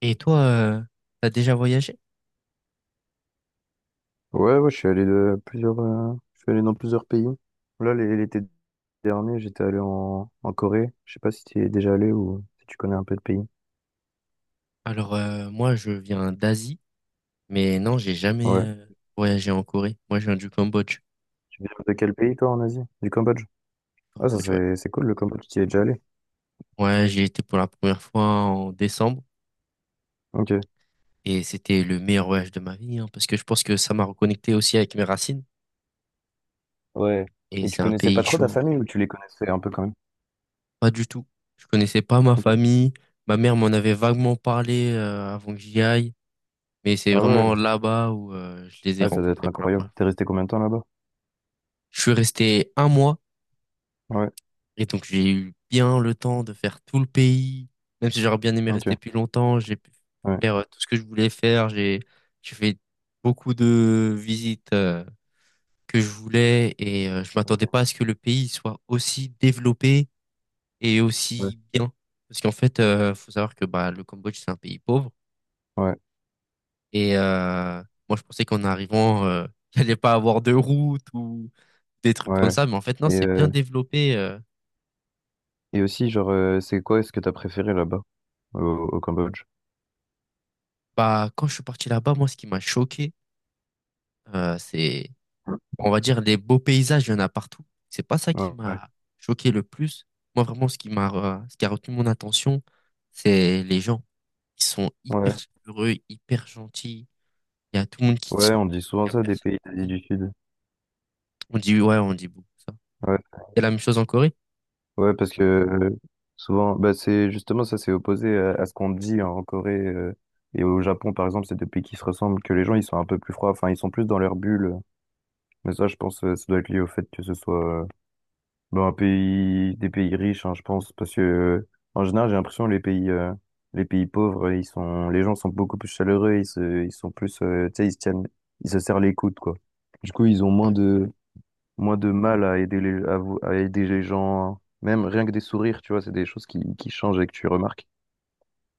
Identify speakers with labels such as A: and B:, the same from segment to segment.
A: Et toi, t'as déjà voyagé?
B: Ouais, ouais, je suis allé dans plusieurs pays. Là, l'été dernier, j'étais allé en Corée. Je sais pas si tu es déjà allé ou si tu connais un peu de pays.
A: Alors, moi, je viens d'Asie, mais non, j'ai jamais
B: Ouais.
A: voyagé en Corée. Moi, je viens du Cambodge.
B: Tu viens de quel pays, toi, en Asie? Du Cambodge. Ah, ça,
A: Cambodge, ouais.
B: c'est cool, le Cambodge. Tu y es déjà allé.
A: Ouais, j'y étais pour la première fois en décembre
B: Ok.
A: et c'était le meilleur voyage de ma vie, hein, parce que je pense que ça m'a reconnecté aussi avec mes racines
B: Ouais.
A: et
B: Et tu
A: c'est un
B: connaissais
A: pays
B: pas trop ta
A: chaud.
B: famille ou tu les connaissais un peu quand même?
A: Pas du tout. Je connaissais pas ma
B: Ok.
A: famille. Ma mère m'en avait vaguement parlé avant que j'y aille, mais c'est
B: Ah ouais.
A: vraiment là-bas où je les ai
B: Ouais, ça doit être
A: rencontrés pour la
B: incroyable.
A: première
B: T'es
A: fois.
B: resté combien de temps là-bas?
A: Je suis resté un mois.
B: Ouais.
A: Et donc, j'ai eu bien le temps de faire tout le pays. Même si j'aurais bien aimé
B: Ok.
A: rester plus longtemps, j'ai pu
B: Ouais.
A: faire tout ce que je voulais faire. J'ai fait beaucoup de visites que je voulais et je
B: Ok.
A: m'attendais pas à ce que le pays soit aussi développé et
B: Ouais.
A: aussi bien. Parce qu'en fait, faut savoir que bah, le Cambodge, c'est un pays pauvre.
B: Ouais.
A: Et moi, je pensais qu'en arrivant, il allait pas avoir de route ou des trucs comme
B: Ouais.
A: ça. Mais en fait, non,
B: Et,
A: c'est bien
B: euh,
A: développé.
B: et aussi, genre, c'est quoi ce que t'as préféré là-bas, au, au Cambodge?
A: Bah, quand je suis parti là-bas, moi, ce qui m'a choqué, c'est, on va dire, les beaux paysages, il y en a partout. C'est pas ça qui
B: Ouais.
A: m'a choqué le plus. Moi, vraiment, ce qui a retenu mon attention, c'est les gens. Ils sont hyper
B: Ouais.
A: chaleureux, hyper gentils. Il y a tout le monde qui te
B: Ouais,
A: sourit.
B: on dit
A: Il
B: souvent
A: y a
B: ça des
A: personne
B: pays d'Asie du
A: qui...
B: Sud.
A: On dit, ouais, on dit beaucoup ça.
B: Ouais,
A: C'est la même chose en Corée?
B: ouais, parce que souvent, bah c'est justement ça, c'est opposé à ce qu'on dit en Corée, et au Japon, par exemple, c'est des pays qui se ressemblent, que les gens ils sont un peu plus froids, enfin ils sont plus dans leur bulle. Mais ça, je pense, ça doit être lié au fait que ce soit bah, un pays, des pays riches, hein, je pense, parce que en général, j'ai l'impression les pays pauvres, les gens sont beaucoup plus chaleureux, ils sont plus, tu sais, ils se tiennent, ils se serrent les coudes, quoi. Du coup, ils ont moins
A: Ouais,
B: de moins de mal à aider les, à, vous- à aider les gens, même rien que des sourires, tu vois, c'est des choses qui changent et que tu remarques.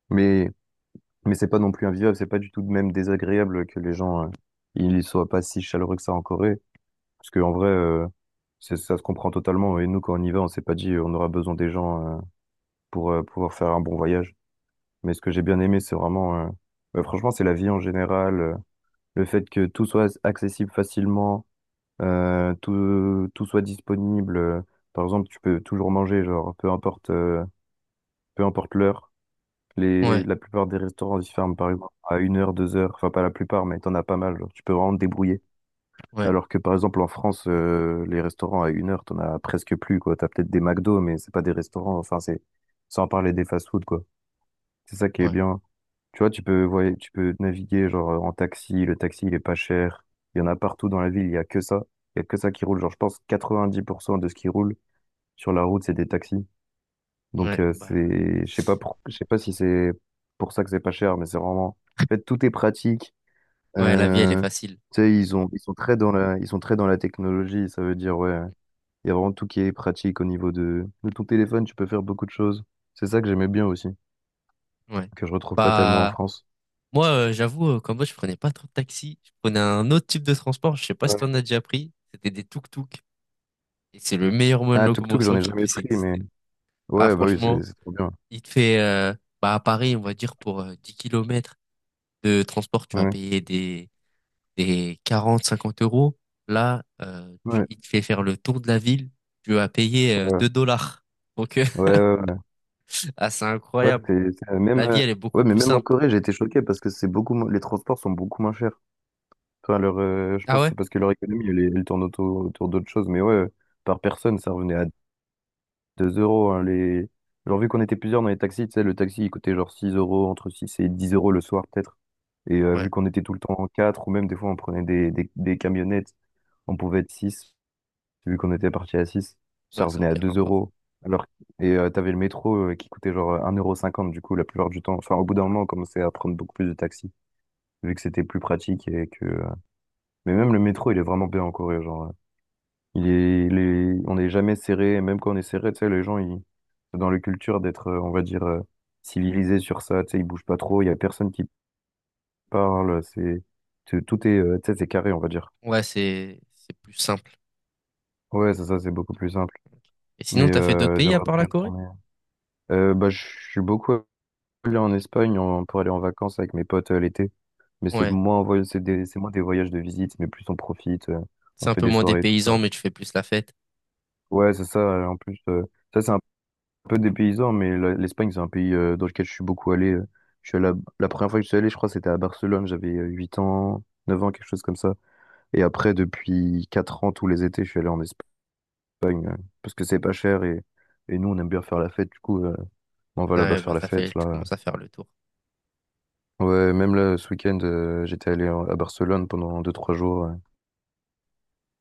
B: Mais, mais c'est pas non plus invivable, c'est pas du tout de même désagréable que les gens, ils soient pas si chaleureux que ça en Corée. Parce que en vrai, ça se comprend totalement. Et nous, quand on y va, on s'est pas dit, on aura besoin des gens, pour pouvoir faire un bon voyage. Mais ce que j'ai bien aimé, c'est vraiment, bah, franchement, c'est la vie en général, le fait que tout soit accessible facilement. Tout soit disponible. Par exemple, tu peux toujours manger, genre, peu importe l'heure. Les,
A: ouais,
B: la plupart des restaurants, ils ferment, par exemple, à une heure, deux heures. Enfin, pas la plupart, mais t'en as pas mal. Genre, tu peux vraiment te débrouiller.
A: ouais,
B: Alors que, par exemple, en France, les restaurants à une heure, t'en as presque plus, quoi. T'as peut-être des McDo, mais c'est pas des restaurants. Enfin, c'est, sans parler des fast-food, quoi. C'est ça qui est
A: ouais,
B: bien. Tu vois, tu peux naviguer genre en taxi, le taxi il est pas cher. Il y en a partout dans la ville, il y a que ça. Il y a que ça qui roule. Genre, je pense 90% de ce qui roule sur la route, c'est des taxis. Donc
A: ouais,
B: euh,
A: bah,
B: c'est, je sais pas pour- je sais pas si c'est pour ça que c'est pas cher, mais c'est vraiment, en fait, tout est pratique.
A: ouais, la vie, elle est
B: Euh,
A: facile.
B: tu sais, ils sont très dans la technologie. Ça veut dire, ouais, il y a vraiment tout qui est pratique au niveau de ton téléphone. Tu peux faire beaucoup de choses. C'est ça que j'aimais bien aussi,
A: Ouais.
B: que je retrouve pas tellement en
A: Bah,
B: France.
A: moi, j'avoue, qu'en mode, je prenais pas trop de taxi. Je prenais un autre type de transport. Je sais pas si t'en as déjà pris. C'était des tuk-tuk. Et c'est le meilleur moyen de
B: Ah, tuk-tuk, j'en
A: locomotion
B: ai
A: qui
B: jamais
A: puisse
B: pris, mais
A: exister. Ah,
B: ouais, bah oui, c'est
A: franchement,
B: c'est trop bien.
A: il te fait, bah, à Paris, on va dire, pour 10 km de transport, tu vas
B: Ouais,
A: payer des 40 50 euros. Là,
B: ouais,
A: il te fait faire le tour de la ville, tu vas payer
B: ouais,
A: 2 dollars. Donc,
B: ouais, ouais. Ouais,
A: ah, c'est
B: ouais,
A: incroyable.
B: même,
A: La vie, elle est
B: ouais,
A: beaucoup
B: mais
A: plus
B: même en
A: simple.
B: Corée, j'ai été choqué parce que c'est les transports sont beaucoup moins chers. Enfin, je
A: Ah
B: pense que
A: ouais?
B: c'est parce que leur économie, elle tourne autour d'autres choses. Mais ouais, par personne, ça revenait à 2 euros, hein, les... Genre, vu qu'on était plusieurs dans les taxis, tu sais, le taxi, il coûtait genre 6 euros, entre 6 et 10 euros le soir, peut-être. Et vu
A: Ouais,
B: qu'on était tout le temps en 4, ou même des fois, on prenait des camionnettes, on pouvait être six, vu qu'on était parti à six, ça
A: ouais, ça n'a
B: revenait à
A: aucun
B: 2
A: rapport.
B: euros. Alors, t'avais le métro, qui coûtait genre 1,50 € du coup la plupart du temps. Enfin, au bout d'un moment, on commençait à prendre beaucoup plus de taxis, vu que c'était plus pratique et que. Mais même le métro, il est vraiment bien en Corée. Genre, on n'est jamais serré. Et même quand on est serré, tu sais, les gens, ils... c'est dans leur culture d'être, on va dire, civilisés sur ça. Tu sais, ils bougent pas trop. Il y a personne qui parle. C'est tout est, tu sais, c'est carré, on va dire.
A: Ouais, c'est plus simple.
B: Ouais, c'est ça, c'est beaucoup plus simple.
A: Et
B: Mais
A: sinon, t'as fait d'autres
B: euh,
A: pays à
B: j'aimerais
A: part
B: bien
A: la
B: y
A: Corée?
B: retourner. Bah, je suis beaucoup aller en Espagne pour aller en vacances avec mes potes, l'été. Mais c'est
A: Ouais,
B: moins, un voy- c'est des, c'est moins des voyages de visite, mais plus on profite, on
A: c'est un
B: fait
A: peu
B: des
A: moins des
B: soirées, tout ça.
A: paysans, mais tu fais plus la fête.
B: Ouais, c'est ça. En plus, ça, c'est un peu des paysans, mais l'Espagne, c'est un pays, dans lequel je suis beaucoup allé. Je suis allé à- La première fois que je suis allé, je crois, c'était à Barcelone. J'avais 8 ans, 9 ans, quelque chose comme ça. Et après, depuis 4 ans, tous les étés, je suis allé en Espagne, parce que c'est pas cher et nous, on aime bien faire la fête. Du coup, on va
A: Ah
B: là-bas
A: ouais, bah,
B: faire la
A: t'as fait,
B: fête,
A: tu
B: là.
A: commences à faire le tour.
B: Ouais, même là, ce week-end, j'étais allé à Barcelone pendant deux trois jours. Ouais.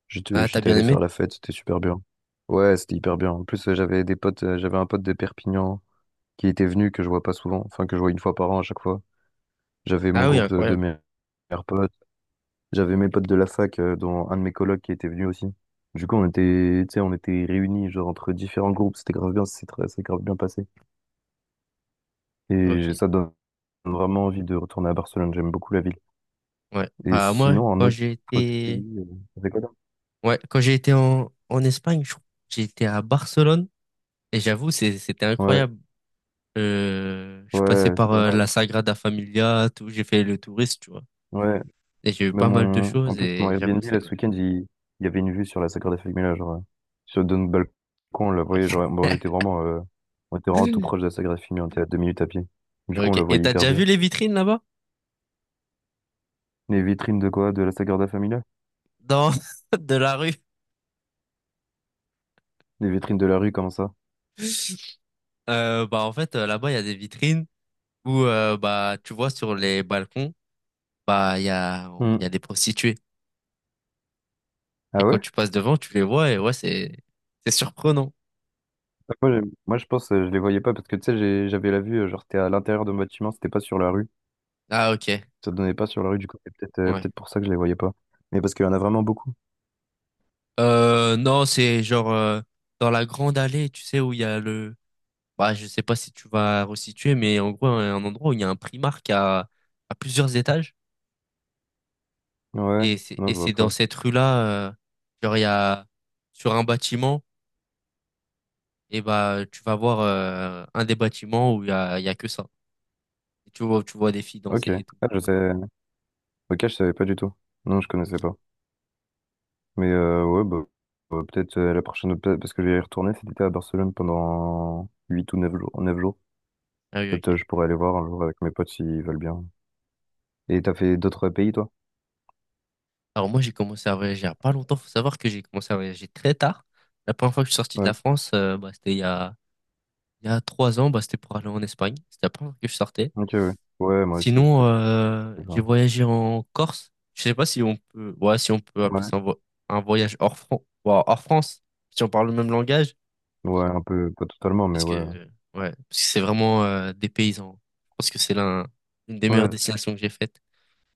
B: J'étais,
A: Ah, t'as
B: j'étais
A: bien
B: allé faire
A: aimé?
B: la fête, c'était super bien. Ouais, c'était hyper bien. En plus, j'avais des potes, j'avais un pote de Perpignan qui était venu, que je vois pas souvent, enfin que je vois une fois par an à chaque fois. J'avais mon
A: Ah oui,
B: groupe de
A: incroyable.
B: mes meilleurs potes. J'avais mes potes de la fac, dont un de mes colocs qui était venu aussi. Du coup, on était, tu sais, on était réunis, genre, entre différents groupes. C'était grave bien, c'est grave bien passé. Et
A: Ok.
B: ça donne vraiment envie de retourner à Barcelone. J'aime beaucoup la ville.
A: Ouais.
B: Et
A: Bah moi,
B: sinon, un
A: quand
B: autre,
A: j'ai
B: autre
A: été,
B: pays, c'est quoi?
A: ouais, quand j'ai été en Espagne, j'ai été à Barcelone et j'avoue, c'était
B: Ouais,
A: incroyable. Je suis passé
B: ouais, c'est
A: par
B: pas
A: la
B: mal.
A: Sagrada Familia, tout, j'ai fait le touriste, tu vois.
B: Ouais,
A: Et j'ai eu
B: mais
A: pas mal de
B: mon. En
A: choses
B: plus, mon
A: et j'avoue,
B: Airbnb,
A: c'est
B: là, ce
A: bien.
B: week-end, il y avait une vue sur la Sagrada Familia, genre, sur de notre balcon, on la voyait, genre,
A: Ok.
B: bon, on était vraiment tout proche de la Sagrada Familia, on était à 2 minutes à pied. Du coup, on la
A: Ok. Et
B: voyait
A: t'as
B: hyper
A: déjà vu
B: bien.
A: les vitrines là-bas?
B: Les vitrines de quoi? De la Sagrada Familia?
A: Dans de la rue?
B: Les vitrines de la rue, comment ça?
A: Bah en fait, là-bas, il y a des vitrines où bah tu vois sur les balcons, bah il y a
B: Hmm.
A: il y a des prostituées. Et
B: Ah
A: quand
B: ouais?
A: tu passes devant, tu les vois et ouais, c'est surprenant.
B: Bah, moi, je pense, je les voyais pas, parce que, tu sais, j'avais la vue, genre, c'était à l'intérieur de mon bâtiment, c'était pas sur la rue.
A: Ah ok,
B: Ça donnait pas sur la rue, du coup, c'est peut-être, euh,
A: ouais.
B: peut-être pour ça que je les voyais pas. Mais parce qu'il y en a vraiment beaucoup.
A: Non, c'est genre dans la grande allée, tu sais où il y a le, bah je sais pas si tu vas resituer, mais en gros un endroit où il y a un Primark à plusieurs étages
B: Ouais,
A: et c'est
B: non,
A: et
B: je vois
A: c'est dans
B: pas.
A: cette rue-là, genre il y a sur un bâtiment et bah tu vas voir un des bâtiments où il y a que ça. Et tu vois des filles
B: Ok,
A: danser et tout.
B: ah, je sais. Ok, je savais pas du tout. Non, je connaissais pas.
A: Ah
B: Mais
A: bah,
B: euh, ouais, bah, peut-être la prochaine, parce que je vais y retourner cet été à Barcelone pendant 8 ou 9 jours. 9 jours.
A: ah oui
B: Peut-être,
A: ok.
B: je pourrais aller voir un jour avec mes potes s'ils veulent bien. Et t'as fait d'autres pays, toi?
A: Alors moi, j'ai commencé à voyager il y a pas longtemps. Faut savoir que j'ai commencé à voyager très tard. La première fois que je suis sorti de
B: Ouais.
A: la France, bah, c'était il y a 3 ans. Bah, c'était pour aller en Espagne. C'était la première fois que je sortais.
B: Ok, ouais. Ouais, moi aussi, c'était
A: Sinon, j'ai
B: ça.
A: voyagé en Corse. Je sais pas si on peut, ouais, si on peut appeler
B: Ouais.
A: ça un voyage ouais, hors France, si on parle le même langage,
B: Ouais, un peu, pas totalement, mais
A: parce
B: ouais.
A: que ouais, parce que c'est vraiment des paysans. Je pense que c'est une des meilleures
B: Ouais.
A: destinations que j'ai faites.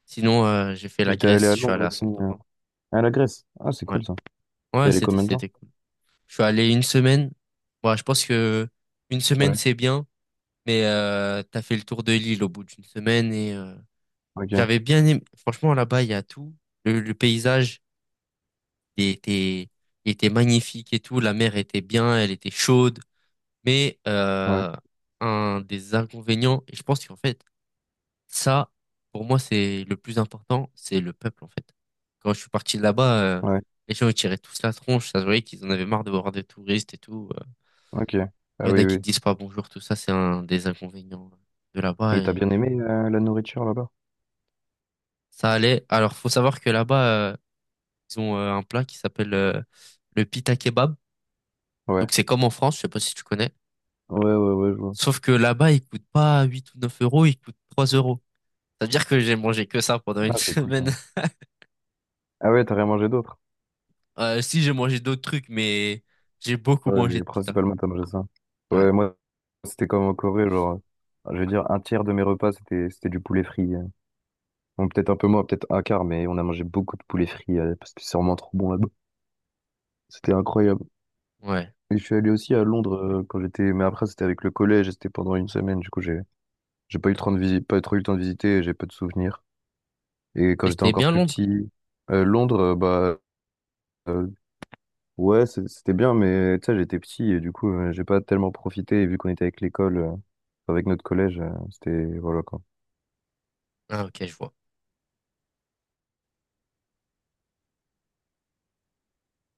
A: Sinon, j'ai fait la
B: J'étais allé
A: Grèce.
B: à
A: Je suis
B: Londres
A: allé à
B: aussi.
A: Santorin.
B: À la Grèce. Ah, c'est
A: Ouais,
B: cool ça. T'es
A: ouais,
B: allé
A: c'était
B: combien de temps?
A: c'était cool. Je suis allé une semaine. Moi, je pense que une semaine,
B: Ouais.
A: c'est bien, mais t'as fait le tour de l'île au bout d'une semaine et
B: Ok.
A: j'avais bien aimé. Franchement, là-bas, il y a tout. Le paysage il était, il était magnifique et tout. La mer était bien, elle était chaude. Mais
B: Ouais.
A: un des inconvénients, et je pense qu'en fait, ça, pour moi, c'est le plus important, c'est le peuple, en fait. Quand je suis parti de là-bas,
B: Ouais.
A: les gens, ils tiraient tous la tronche. Ça se voyait qu'ils en avaient marre de voir des touristes et tout.
B: Ok.
A: Il
B: Ah
A: y en a
B: oui,
A: qui
B: oui.
A: te disent pas bonjour, tout ça, c'est un des inconvénients de là-bas.
B: Et t'as
A: Et
B: bien aimé la nourriture là-bas?
A: ça allait. Alors, faut savoir que là-bas, euh, ils ont un plat qui s'appelle le pita kebab. Donc,
B: Ouais.
A: c'est comme en France, je sais pas si tu connais.
B: Ouais, ouais, ouais, je vois.
A: Sauf que là-bas, il coûte pas 8 ou 9 euros, il coûte 3 euros. C'est-à-dire que j'ai mangé que ça pendant une
B: Ah, c'est cool ça.
A: semaine.
B: Ah ouais, t'as rien mangé d'autre?
A: Si, j'ai mangé d'autres trucs, mais j'ai beaucoup
B: Ouais,
A: mangé
B: mais
A: de pita.
B: principalement t'as mangé ça.
A: Ouais,
B: Ouais, moi, c'était comme en Corée, genre, je veux dire, un tiers de mes repas, c'était du poulet frit. Bon, peut-être un peu moins, peut-être un quart, mais on a mangé beaucoup de poulet frit, parce que c'est vraiment trop bon là-bas. C'était incroyable.
A: ouais.
B: Et je suis allé aussi à Londres, quand j'étais, mais après, c'était avec le collège, et c'était pendant une semaine, du coup, j'ai pas eu le temps de pas trop eu le temps de visiter, et j'ai peu de souvenirs. Et quand
A: Et
B: j'étais
A: c'était
B: encore
A: bien
B: plus
A: Londres?
B: petit, Londres, bah, euh, ouais, c'était bien, mais tu sais, j'étais petit et du coup, j'ai pas tellement profité. Et vu qu'on était avec l'école, enfin, avec notre collège, c'était, voilà, quoi.
A: Ah, ok, je vois.